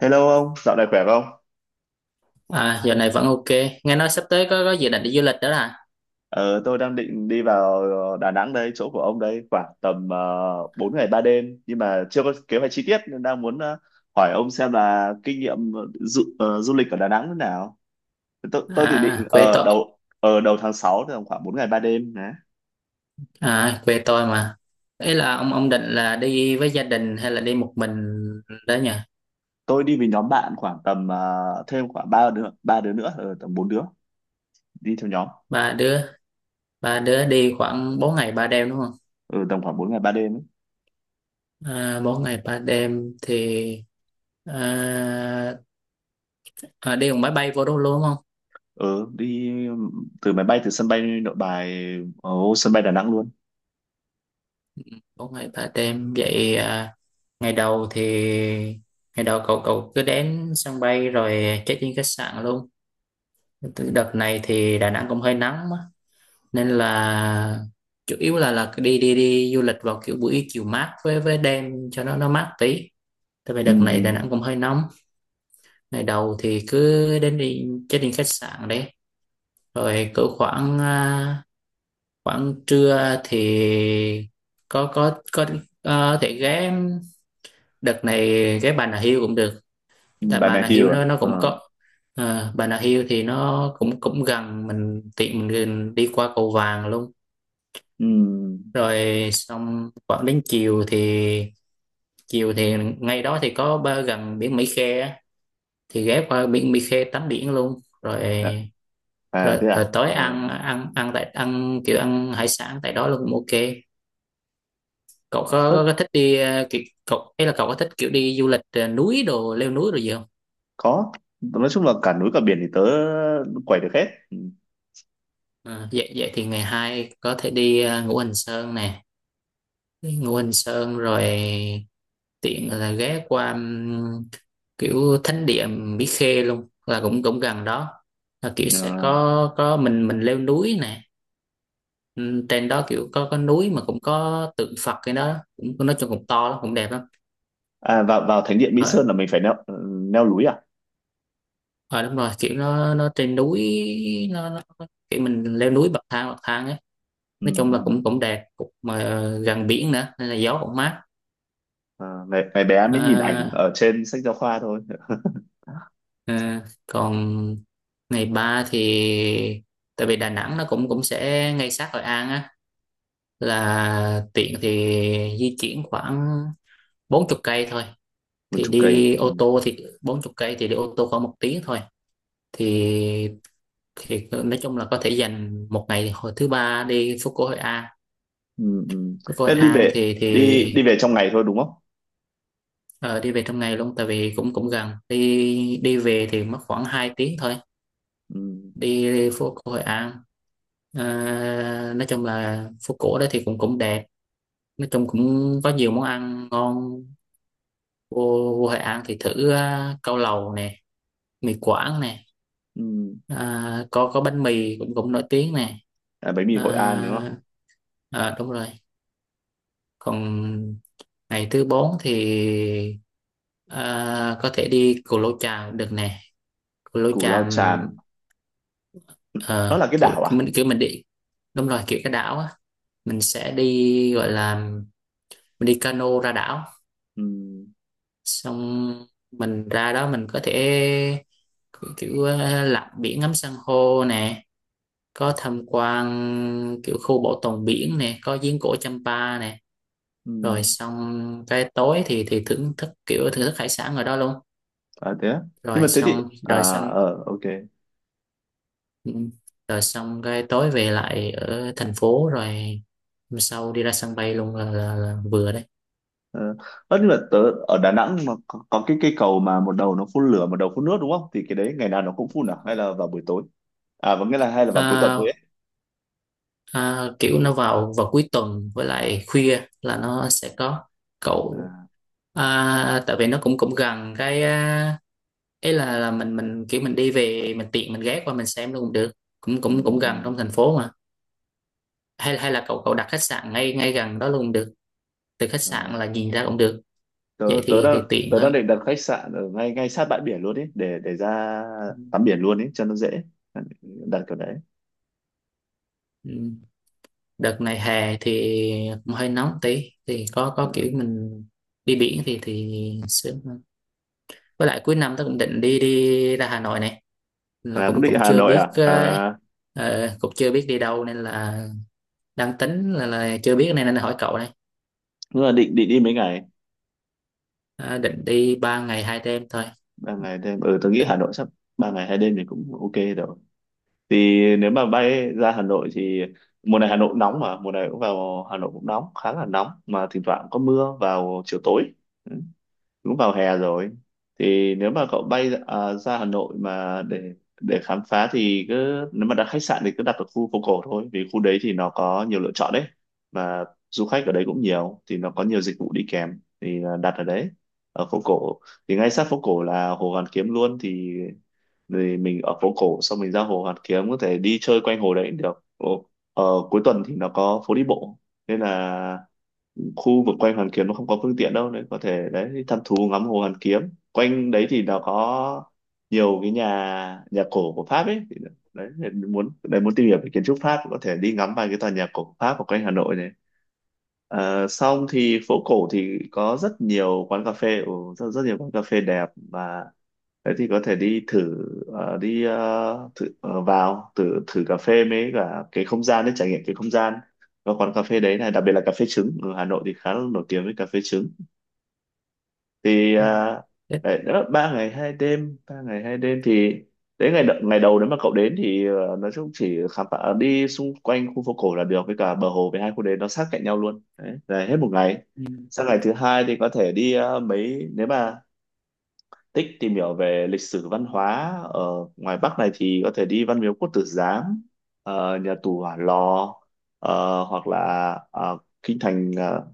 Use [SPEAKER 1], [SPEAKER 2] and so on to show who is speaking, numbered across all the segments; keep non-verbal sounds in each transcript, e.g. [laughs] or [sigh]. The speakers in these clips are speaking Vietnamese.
[SPEAKER 1] Hello ông, dạo này khỏe không?
[SPEAKER 2] Giờ này vẫn ok. Nghe nói sắp tới có dự định đi du lịch đó là,
[SPEAKER 1] Ờ, tôi đang định đi vào Đà Nẵng đây, chỗ của ông đây, khoảng tầm 4 ngày 3 đêm, nhưng mà chưa có kế hoạch chi tiết nên đang muốn hỏi ông xem là kinh nghiệm du lịch ở Đà Nẵng thế nào. Tôi thì định
[SPEAKER 2] quê
[SPEAKER 1] ở
[SPEAKER 2] tôi,
[SPEAKER 1] đầu tháng 6, thì khoảng 4 ngày 3 đêm đấy.
[SPEAKER 2] quê tôi mà. Ý là ông định là đi với gia đình hay là đi một mình đó nhỉ?
[SPEAKER 1] Tôi đi với nhóm bạn khoảng tầm thêm khoảng ba đứa nữa, tầm 4 đứa đi theo nhóm.
[SPEAKER 2] Ba đứa, ba đứa đi khoảng 4 ngày ba đêm đúng không?
[SPEAKER 1] Ừ, tầm khoảng 4 ngày 3 đêm ấy.
[SPEAKER 2] À, 4 ngày 3 đêm thì, à, đi bằng máy bay vô đó luôn đúng không?
[SPEAKER 1] Ừ, đi từ sân bay Nội Bài, ở sân bay Đà Nẵng luôn.
[SPEAKER 2] Bốn ngày 3 đêm vậy à, ngày đầu thì ngày đầu cậu cậu cứ đến sân bay rồi check in khách sạn luôn. Đợt này thì Đà Nẵng cũng hơi nắng nên là chủ yếu là đi đi đi du lịch vào kiểu buổi chiều mát với đêm cho nó mát tí, tại vì
[SPEAKER 1] Ừ.
[SPEAKER 2] đợt này Đà
[SPEAKER 1] Ừ.
[SPEAKER 2] Nẵng cũng hơi nóng. Ngày đầu thì cứ đến đi check in khách sạn đấy, rồi cỡ khoảng, khoảng trưa thì có có có thể ghé, đợt này ghé Bà Nà Hills cũng được.
[SPEAKER 1] Ừ,
[SPEAKER 2] Tại
[SPEAKER 1] bạn
[SPEAKER 2] Bà
[SPEAKER 1] nào
[SPEAKER 2] Nà
[SPEAKER 1] hiểu
[SPEAKER 2] Hills
[SPEAKER 1] à?
[SPEAKER 2] nó cũng
[SPEAKER 1] Ờ.
[SPEAKER 2] có, Bà Nà Hills thì nó cũng cũng gần mình, tiện mình đi qua cầu Vàng luôn.
[SPEAKER 1] Ừ.
[SPEAKER 2] Rồi xong khoảng đến chiều thì, chiều thì ngay đó thì có ba gần biển Mỹ Khê á, thì ghé qua biển Mỹ Khê tắm biển luôn rồi.
[SPEAKER 1] Dạ. À
[SPEAKER 2] rồi,
[SPEAKER 1] thế
[SPEAKER 2] rồi
[SPEAKER 1] à?
[SPEAKER 2] tối
[SPEAKER 1] À,
[SPEAKER 2] ăn, ăn ăn tại ăn kiểu ăn hải sản tại đó luôn cũng ok. Cậu
[SPEAKER 1] ớ,
[SPEAKER 2] có thích đi, ờ, kiểu, cậu ấy là cậu có thích kiểu đi du lịch, núi đồ leo núi rồi gì không?
[SPEAKER 1] có. Nói chung là cả núi cả biển thì tớ quẩy được hết. Ừ.
[SPEAKER 2] Ờ, vậy vậy thì ngày hai có thể đi, Ngũ Hành Sơn nè. Đi Ngũ Hành Sơn rồi tiện là ghé qua, kiểu thánh địa Mỹ Khê luôn, là cũng cũng gần đó, là kiểu sẽ
[SPEAKER 1] Ờ.
[SPEAKER 2] có mình leo núi nè. Trên đó kiểu có núi mà cũng có tượng Phật, cái đó cũng nói chung cũng to lắm cũng đẹp lắm.
[SPEAKER 1] À, vào vào thánh điện Mỹ
[SPEAKER 2] Rồi,
[SPEAKER 1] Sơn là mình phải leo leo núi à?
[SPEAKER 2] rồi đúng rồi, kiểu nó trên núi, nó kiểu mình leo núi bậc thang ấy.
[SPEAKER 1] Ừ.
[SPEAKER 2] Nói chung là
[SPEAKER 1] Ừ.
[SPEAKER 2] cũng cũng đẹp cũng, mà gần biển nữa nên là gió cũng mát.
[SPEAKER 1] À, ngày bé mới nhìn ảnh
[SPEAKER 2] à,
[SPEAKER 1] ở trên sách giáo khoa thôi. [laughs]
[SPEAKER 2] Còn ngày 3 thì, tại vì Đà Nẵng nó cũng cũng sẽ ngay sát Hội An á, là tiện thì di chuyển khoảng bốn chục cây thôi.
[SPEAKER 1] Mình
[SPEAKER 2] Thì
[SPEAKER 1] trông cầy.
[SPEAKER 2] đi ô
[SPEAKER 1] Ừ.
[SPEAKER 2] tô thì bốn chục cây thì đi ô tô khoảng một tiếng thôi, thì nói chung là có thể dành một ngày hồi thứ ba đi phố cổ Hội An.
[SPEAKER 1] Ừ. Ừ.
[SPEAKER 2] Phố cổ Hội
[SPEAKER 1] Thế
[SPEAKER 2] An thì,
[SPEAKER 1] đi về trong ngày thôi đúng không?
[SPEAKER 2] đi về trong ngày luôn, tại vì cũng cũng gần, đi đi về thì mất khoảng 2 tiếng thôi.
[SPEAKER 1] Ừ.
[SPEAKER 2] Đi phố cổ Hội An. Ờ, nói chung là phố cổ đó thì cũng cũng đẹp, nói chung cũng có nhiều món ăn ngon. vô, Vô Hội An thì thử, cao lầu nè, mì Quảng nè,
[SPEAKER 1] Ừ.
[SPEAKER 2] có bánh mì cũng cũng nổi tiếng nè.
[SPEAKER 1] À, bánh mì Hội An đúng không?
[SPEAKER 2] à, Đúng rồi. Còn ngày thứ bốn thì, có thể đi Cù Lao Chàm được nè. Cù Lao
[SPEAKER 1] Cù Lao
[SPEAKER 2] Chàm,
[SPEAKER 1] Chàm. Nó
[SPEAKER 2] ờ,
[SPEAKER 1] là cái
[SPEAKER 2] kiểu
[SPEAKER 1] đảo à?
[SPEAKER 2] mình đi, đúng rồi, kiểu cái đảo á. Mình sẽ đi gọi là, mình đi cano ra đảo,
[SPEAKER 1] Ừ.
[SPEAKER 2] xong mình ra đó mình có thể, kiểu lặn biển ngắm san hô nè, có tham quan kiểu khu bảo tồn biển nè, có giếng cổ Champa nè. Rồi
[SPEAKER 1] Ừ.
[SPEAKER 2] xong cái tối thì, thưởng thức hải sản ở đó luôn.
[SPEAKER 1] À thế á, nhưng mà thế thì, à
[SPEAKER 2] Rồi xong.
[SPEAKER 1] ok
[SPEAKER 2] ừ, Rồi xong cái tối về lại ở thành phố, rồi hôm sau đi ra sân bay luôn là, vừa đấy.
[SPEAKER 1] ờ Ơ, nhưng mà tớ ở Đà Nẵng mà có cái cây cầu mà một đầu nó phun lửa, một đầu phun nước đúng không, thì cái đấy ngày nào nó cũng phun à, hay là vào buổi tối, vẫn nghĩa là hay là vào cuối tuần thôi
[SPEAKER 2] à,
[SPEAKER 1] ấy
[SPEAKER 2] Kiểu nó vào vào cuối tuần với lại khuya là nó sẽ có, cậu...
[SPEAKER 1] à?
[SPEAKER 2] Tại vì nó cũng cũng gần cái, ấy là mình kiểu mình đi về mình tiện mình ghé qua mình xem luôn cũng được, cũng
[SPEAKER 1] Ừ.
[SPEAKER 2] cũng cũng gần
[SPEAKER 1] Ừ.
[SPEAKER 2] trong thành phố mà. Hay Hay là cậu cậu đặt khách sạn ngay ngay gần đó luôn cũng được, từ khách
[SPEAKER 1] Ờ,
[SPEAKER 2] sạn là nhìn ra cũng được.
[SPEAKER 1] tớ
[SPEAKER 2] Vậy Thì tiện
[SPEAKER 1] tớ
[SPEAKER 2] hơn.
[SPEAKER 1] đang định đặt khách sạn ở ngay ngay sát bãi biển luôn ấy để ra tắm biển luôn ấy cho nó dễ, đặt kiểu đấy.
[SPEAKER 2] Ừ. Đợt này hè thì cũng hơi nóng tí thì có
[SPEAKER 1] Ờ.
[SPEAKER 2] kiểu mình đi biển thì sướng hơn. Với lại cuối năm tớ cũng định đi đi ra Hà Nội này, là
[SPEAKER 1] À, cũng
[SPEAKER 2] cũng
[SPEAKER 1] định
[SPEAKER 2] cũng
[SPEAKER 1] Hà
[SPEAKER 2] chưa
[SPEAKER 1] Nội
[SPEAKER 2] biết,
[SPEAKER 1] à? À,
[SPEAKER 2] cũng chưa biết đi đâu nên là đang tính, là chưa biết nên nên hỏi cậu đây.
[SPEAKER 1] nhưng mà định định đi mấy ngày?
[SPEAKER 2] À, định đi ba ngày hai đêm thôi.
[SPEAKER 1] Ba ngày thêm, ừ, tớ nghĩ Hà Nội sắp... 3 ngày 2 đêm thì cũng ok rồi. Thì nếu mà bay ra Hà Nội thì mùa này Hà Nội cũng nóng, mà mùa này cũng vào Hà Nội cũng nóng khá là nóng, mà thỉnh thoảng có mưa vào chiều tối. Ừ, cũng vào hè rồi. Thì nếu mà cậu bay ra Hà Nội mà để khám phá thì cứ, nếu mà đặt khách sạn thì cứ đặt ở khu phố cổ thôi, vì khu đấy thì nó có nhiều lựa chọn đấy, và du khách ở đấy cũng nhiều thì nó có nhiều dịch vụ đi kèm, thì là đặt ở đấy, ở phố cổ. Thì ngay sát phố cổ là Hồ Hoàn Kiếm luôn, thì mình ở phố cổ xong mình ra Hồ Hoàn Kiếm có thể đi chơi quanh hồ đấy cũng được. Ồ, ở cuối tuần thì nó có phố đi bộ, nên là khu vực quanh Hoàn Kiếm nó không có phương tiện đâu, nên có thể đấy thăm thú ngắm hồ Hoàn Kiếm. Quanh đấy thì nó có nhiều cái nhà nhà cổ của Pháp ấy. Thì đấy, thì muốn đấy muốn tìm hiểu về kiến trúc Pháp có thể đi ngắm vài cái tòa nhà cổ của Pháp ở quanh Hà Nội này. Ờ, xong thì phố cổ thì có rất nhiều quán cà phê, ừ, rất, rất nhiều quán cà phê đẹp, và thế thì có thể đi thử ờ, đi ờ, thử ờ, vào thử thử cà phê mới cả cái không gian đấy, trải nghiệm cái không gian, có quán cà phê đấy này, đặc biệt là cà phê trứng ở Hà Nội thì khá là nổi tiếng với cà phê trứng. Thì
[SPEAKER 2] Ừ. Thế-
[SPEAKER 1] đấy, đó, ba ngày hai đêm thì đến ngày đầu nếu mà cậu đến thì nói chung chỉ khám phá đi xung quanh khu phố cổ là được với cả bờ hồ, với hai khu đấy nó sát cạnh nhau luôn đấy là hết một ngày.
[SPEAKER 2] ừ.
[SPEAKER 1] Sang ngày thứ hai thì có thể đi mấy, nếu mà thích tìm hiểu về lịch sử văn hóa ở ngoài Bắc này thì có thể đi Văn Miếu Quốc Tử Giám, nhà tù Hỏa Lò, hoặc là ờ, kinh thành ờ,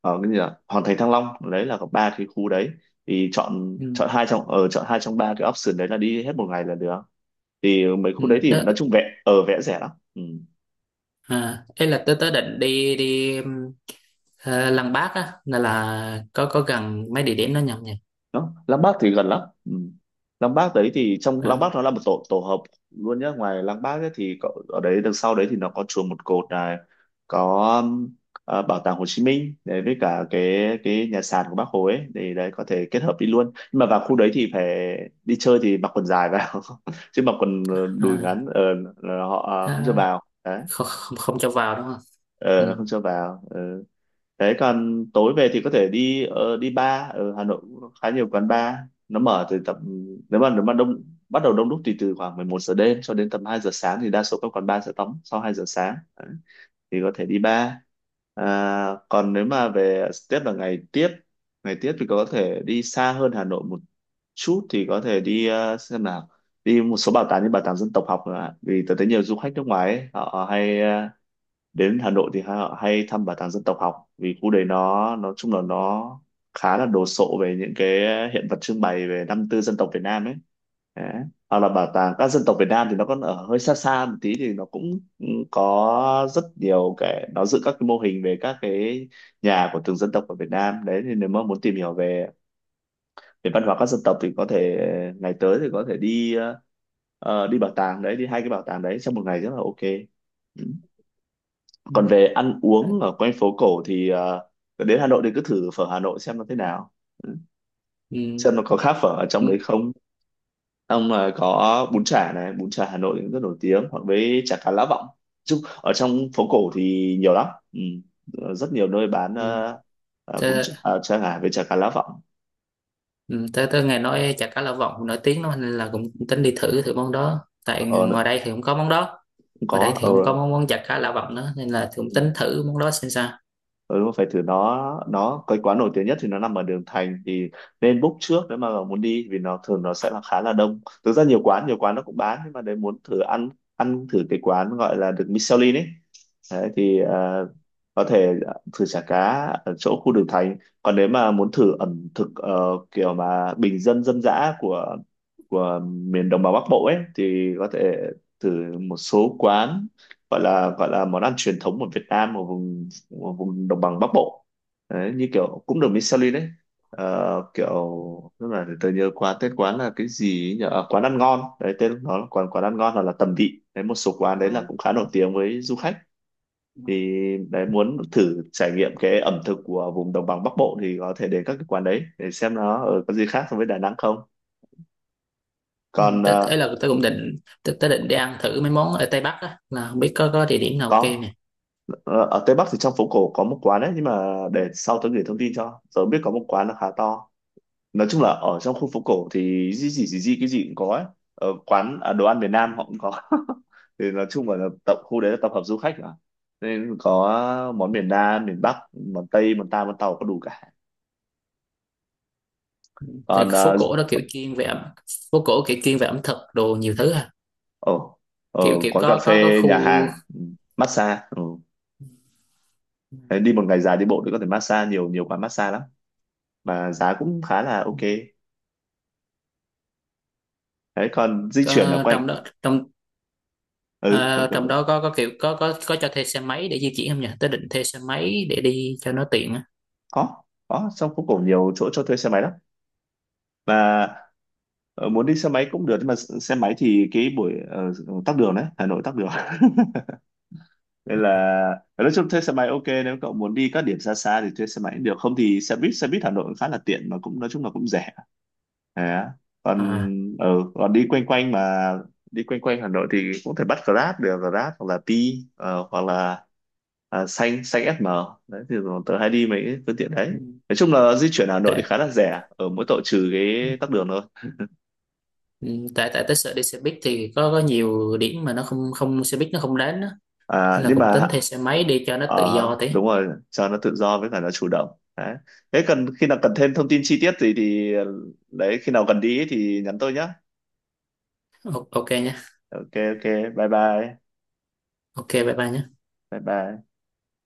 [SPEAKER 1] ờ, cái gì nhỉ? Hoàng thành Thăng Long, đấy là có ba cái khu đấy, thì chọn
[SPEAKER 2] Ừ.
[SPEAKER 1] chọn hai trong ở chọn hai trong ba cái option đấy là đi hết một ngày là được. Thì mấy
[SPEAKER 2] Ừ.
[SPEAKER 1] khu đấy thì nói chung vẽ rẻ lắm. Ừ.
[SPEAKER 2] Ấy là tớ tớ định đi, Lăng Bác á, là có gần mấy địa điểm đó nhầm nhỉ?
[SPEAKER 1] Đó, Lăng Bác thì gần lắm. Ừ. Lăng Bác đấy thì trong Lăng Bác
[SPEAKER 2] à,
[SPEAKER 1] nó là một tổ tổ hợp luôn nhé, ngoài Lăng Bác ấy thì có, ở đấy đằng sau đấy thì nó có chùa Một Cột này, có bảo tàng Hồ Chí Minh đấy, với cả cái nhà sàn của Bác Hồ ấy, thì đấy có thể kết hợp đi luôn, nhưng mà vào khu đấy thì phải đi chơi thì mặc quần dài vào [laughs] chứ mặc quần đùi
[SPEAKER 2] à,
[SPEAKER 1] ngắn là họ không cho
[SPEAKER 2] à,
[SPEAKER 1] vào đấy,
[SPEAKER 2] Không, không, không cho vào đúng không?
[SPEAKER 1] ờ là
[SPEAKER 2] Ừ.
[SPEAKER 1] không cho vào. Ờ. Thế còn tối về thì có thể đi đi bar ở Hà Nội, cũng khá nhiều quán bar. Nó mở từ tầm, nếu mà đông bắt đầu đông đúc, thì từ khoảng 11 giờ đêm cho đến tầm 2 giờ sáng, thì đa số các quán bar sẽ đóng sau 2 giờ sáng. Đấy, thì có thể đi bar. à, Còn nếu mà về tiếp là ngày tiếp, thì có thể đi xa hơn Hà Nội một chút, thì có thể đi xem nào, đi một số bảo tàng như bảo tàng dân tộc học nữa ạ, vì tôi thấy nhiều du khách nước ngoài ấy, họ hay đến Hà Nội thì hay thăm bảo tàng dân tộc học, vì khu đấy nó nói chung là nó khá là đồ sộ về những cái hiện vật trưng bày về 54 dân tộc Việt Nam ấy, đấy. Hoặc là bảo tàng các dân tộc Việt Nam thì nó còn ở hơi xa xa một tí, thì nó cũng có rất nhiều cái, nó giữ các cái mô hình về các cái nhà của từng dân tộc ở Việt Nam đấy, thì nếu mà muốn tìm hiểu về về văn hóa các dân tộc thì có thể ngày tới thì có thể đi đi bảo tàng đấy, đi hai cái bảo tàng đấy trong một ngày rất là ok. Ừ.
[SPEAKER 2] Ừ.
[SPEAKER 1] Còn về ăn uống ở quanh phố cổ thì đến Hà Nội thì cứ thử phở Hà Nội xem nó thế nào. Ừ,
[SPEAKER 2] Ừ.
[SPEAKER 1] xem nó có khác phở ở
[SPEAKER 2] Ừ.
[SPEAKER 1] trong đấy không. Ông là có bún chả này, bún chả Hà Nội cũng rất nổi tiếng, hoặc với chả cá lá vọng. Chung ở trong phố cổ thì nhiều lắm. Ừ. Rất nhiều nơi bán
[SPEAKER 2] Ừ.
[SPEAKER 1] bún
[SPEAKER 2] Tớ,
[SPEAKER 1] chả, à, chả ngà với chả cá lá vọng.
[SPEAKER 2] ừ. tớ Tớ nghe nói chả cá Lã Vọng nổi tiếng lắm nên là cũng tính đi thử thử món đó, tại
[SPEAKER 1] ờ,
[SPEAKER 2] ngoài đây thì cũng có món đó,
[SPEAKER 1] Cũng
[SPEAKER 2] ở đây
[SPEAKER 1] có.
[SPEAKER 2] thì
[SPEAKER 1] Ờ,
[SPEAKER 2] không có món món giặt cá lạ vặt nữa nên là thì cũng
[SPEAKER 1] ừ.
[SPEAKER 2] tính thử món đó xem sao.
[SPEAKER 1] Ừ, đúng rồi, phải thử. Nó cái quán nổi tiếng nhất thì nó nằm ở đường Thành, thì nên book trước nếu mà muốn đi, vì nó thường nó sẽ là khá là đông. Thực ra nhiều quán nó cũng bán, nhưng mà đấy muốn thử ăn ăn thử cái quán gọi là được Michelin ấy. Đấy, thì có thể thử chả cá ở chỗ khu đường Thành. Còn nếu mà muốn thử ẩm thực kiểu mà bình dân, dân dã của miền đồng bằng Bắc Bộ ấy, thì có thể thử một số quán, gọi là món ăn truyền thống của Việt Nam ở vùng, của vùng đồng bằng Bắc Bộ. Đấy, như kiểu cũng được Michelin đấy. Ờ, kiểu lúc này để tôi nhớ qua tên quán là cái gì ấy nhỉ. Ờ, quán ăn ngon đấy, tên nó là quán quán ăn ngon hoặc là tầm vị đấy, một số quán đấy là cũng khá nổi tiếng với du khách. Thì đấy muốn thử trải nghiệm cái ẩm thực của vùng đồng bằng Bắc Bộ thì có thể đến các cái quán đấy để xem nó ở có gì khác so với Đà Nẵng không.
[SPEAKER 2] Ừ.
[SPEAKER 1] Còn
[SPEAKER 2] Ấy là tôi cũng định, tôi định đi ăn thử mấy món ở Tây Bắc á, là không biết có địa điểm nào ok
[SPEAKER 1] có.
[SPEAKER 2] nè.
[SPEAKER 1] Ờ, ở Tây Bắc thì trong phố cổ có một quán đấy, nhưng mà để sau tôi gửi thông tin cho tớ biết, có một quán là khá to. Nói chung là ở trong khu phố cổ thì gì gì gì gì cái gì cũng có ấy. Ở quán, à, đồ ăn Việt Nam họ cũng có. [laughs] Thì nói chung là tập khu đấy là tập hợp du khách mà, nên có món miền Nam, miền Bắc, món Tây món ta món Tàu có đủ cả.
[SPEAKER 2] Thì cái
[SPEAKER 1] Còn
[SPEAKER 2] phố cổ đó kiểu chuyên về ẩm Phố cổ kiểu chuyên về ẩm thực đồ nhiều thứ à?
[SPEAKER 1] ở ở
[SPEAKER 2] Kiểu kiểu
[SPEAKER 1] quán cà
[SPEAKER 2] có
[SPEAKER 1] phê,
[SPEAKER 2] khu,
[SPEAKER 1] nhà hàng, ừ, massage, ừ. Đấy, đi một ngày dài đi bộ thì có thể massage, nhiều nhiều quán massage lắm, mà giá cũng khá là ok. Đấy, còn di chuyển ở
[SPEAKER 2] có,
[SPEAKER 1] quanh,
[SPEAKER 2] trong đó trong
[SPEAKER 1] ừ,
[SPEAKER 2] ờ,
[SPEAKER 1] có.
[SPEAKER 2] trong đó có kiểu có cho thuê xe máy để di chuyển không nhỉ? Tôi định thuê xe máy để đi cho nó tiện á.
[SPEAKER 1] có có, trong phố cổ nhiều chỗ cho thuê xe máy lắm. Và muốn đi xe máy cũng được, nhưng mà xe máy thì cái buổi tắc đường đấy, Hà Nội tắc đường [laughs] nên là nói chung thuê xe máy ok, nếu cậu muốn đi các điểm xa xa thì thuê xe máy cũng được, không thì xe buýt, xe buýt Hà Nội cũng khá là tiện mà cũng nói chung là cũng rẻ. Đấy á. Còn
[SPEAKER 2] À.
[SPEAKER 1] ở còn đi quanh quanh mà đi quanh quanh Hà Nội thì cũng thể bắt Grab được, Grab hoặc là Pi hoặc là xanh xanh SM đấy, thì tớ hay đi mấy phương tiện đấy, nói chung là di chuyển Hà Nội
[SPEAKER 2] Tại
[SPEAKER 1] thì khá là rẻ ở mỗi tội trừ cái tắc đường thôi.
[SPEAKER 2] Ừ, tại tại tới sợ đi xe buýt thì có nhiều điểm mà nó không không, xe buýt nó không đến đó. Nên là
[SPEAKER 1] Nhưng
[SPEAKER 2] cũng
[SPEAKER 1] mà
[SPEAKER 2] tính thuê xe máy đi cho nó tự do tí.
[SPEAKER 1] đúng rồi cho nó tự do với cả nó chủ động đấy. Thế cần khi nào cần thêm thông tin chi tiết gì thì đấy khi nào cần đi thì nhắn tôi nhé.
[SPEAKER 2] Ok nhé.
[SPEAKER 1] Ok, ok. Bye bye.
[SPEAKER 2] Ok bye bye nhé.
[SPEAKER 1] Bye bye.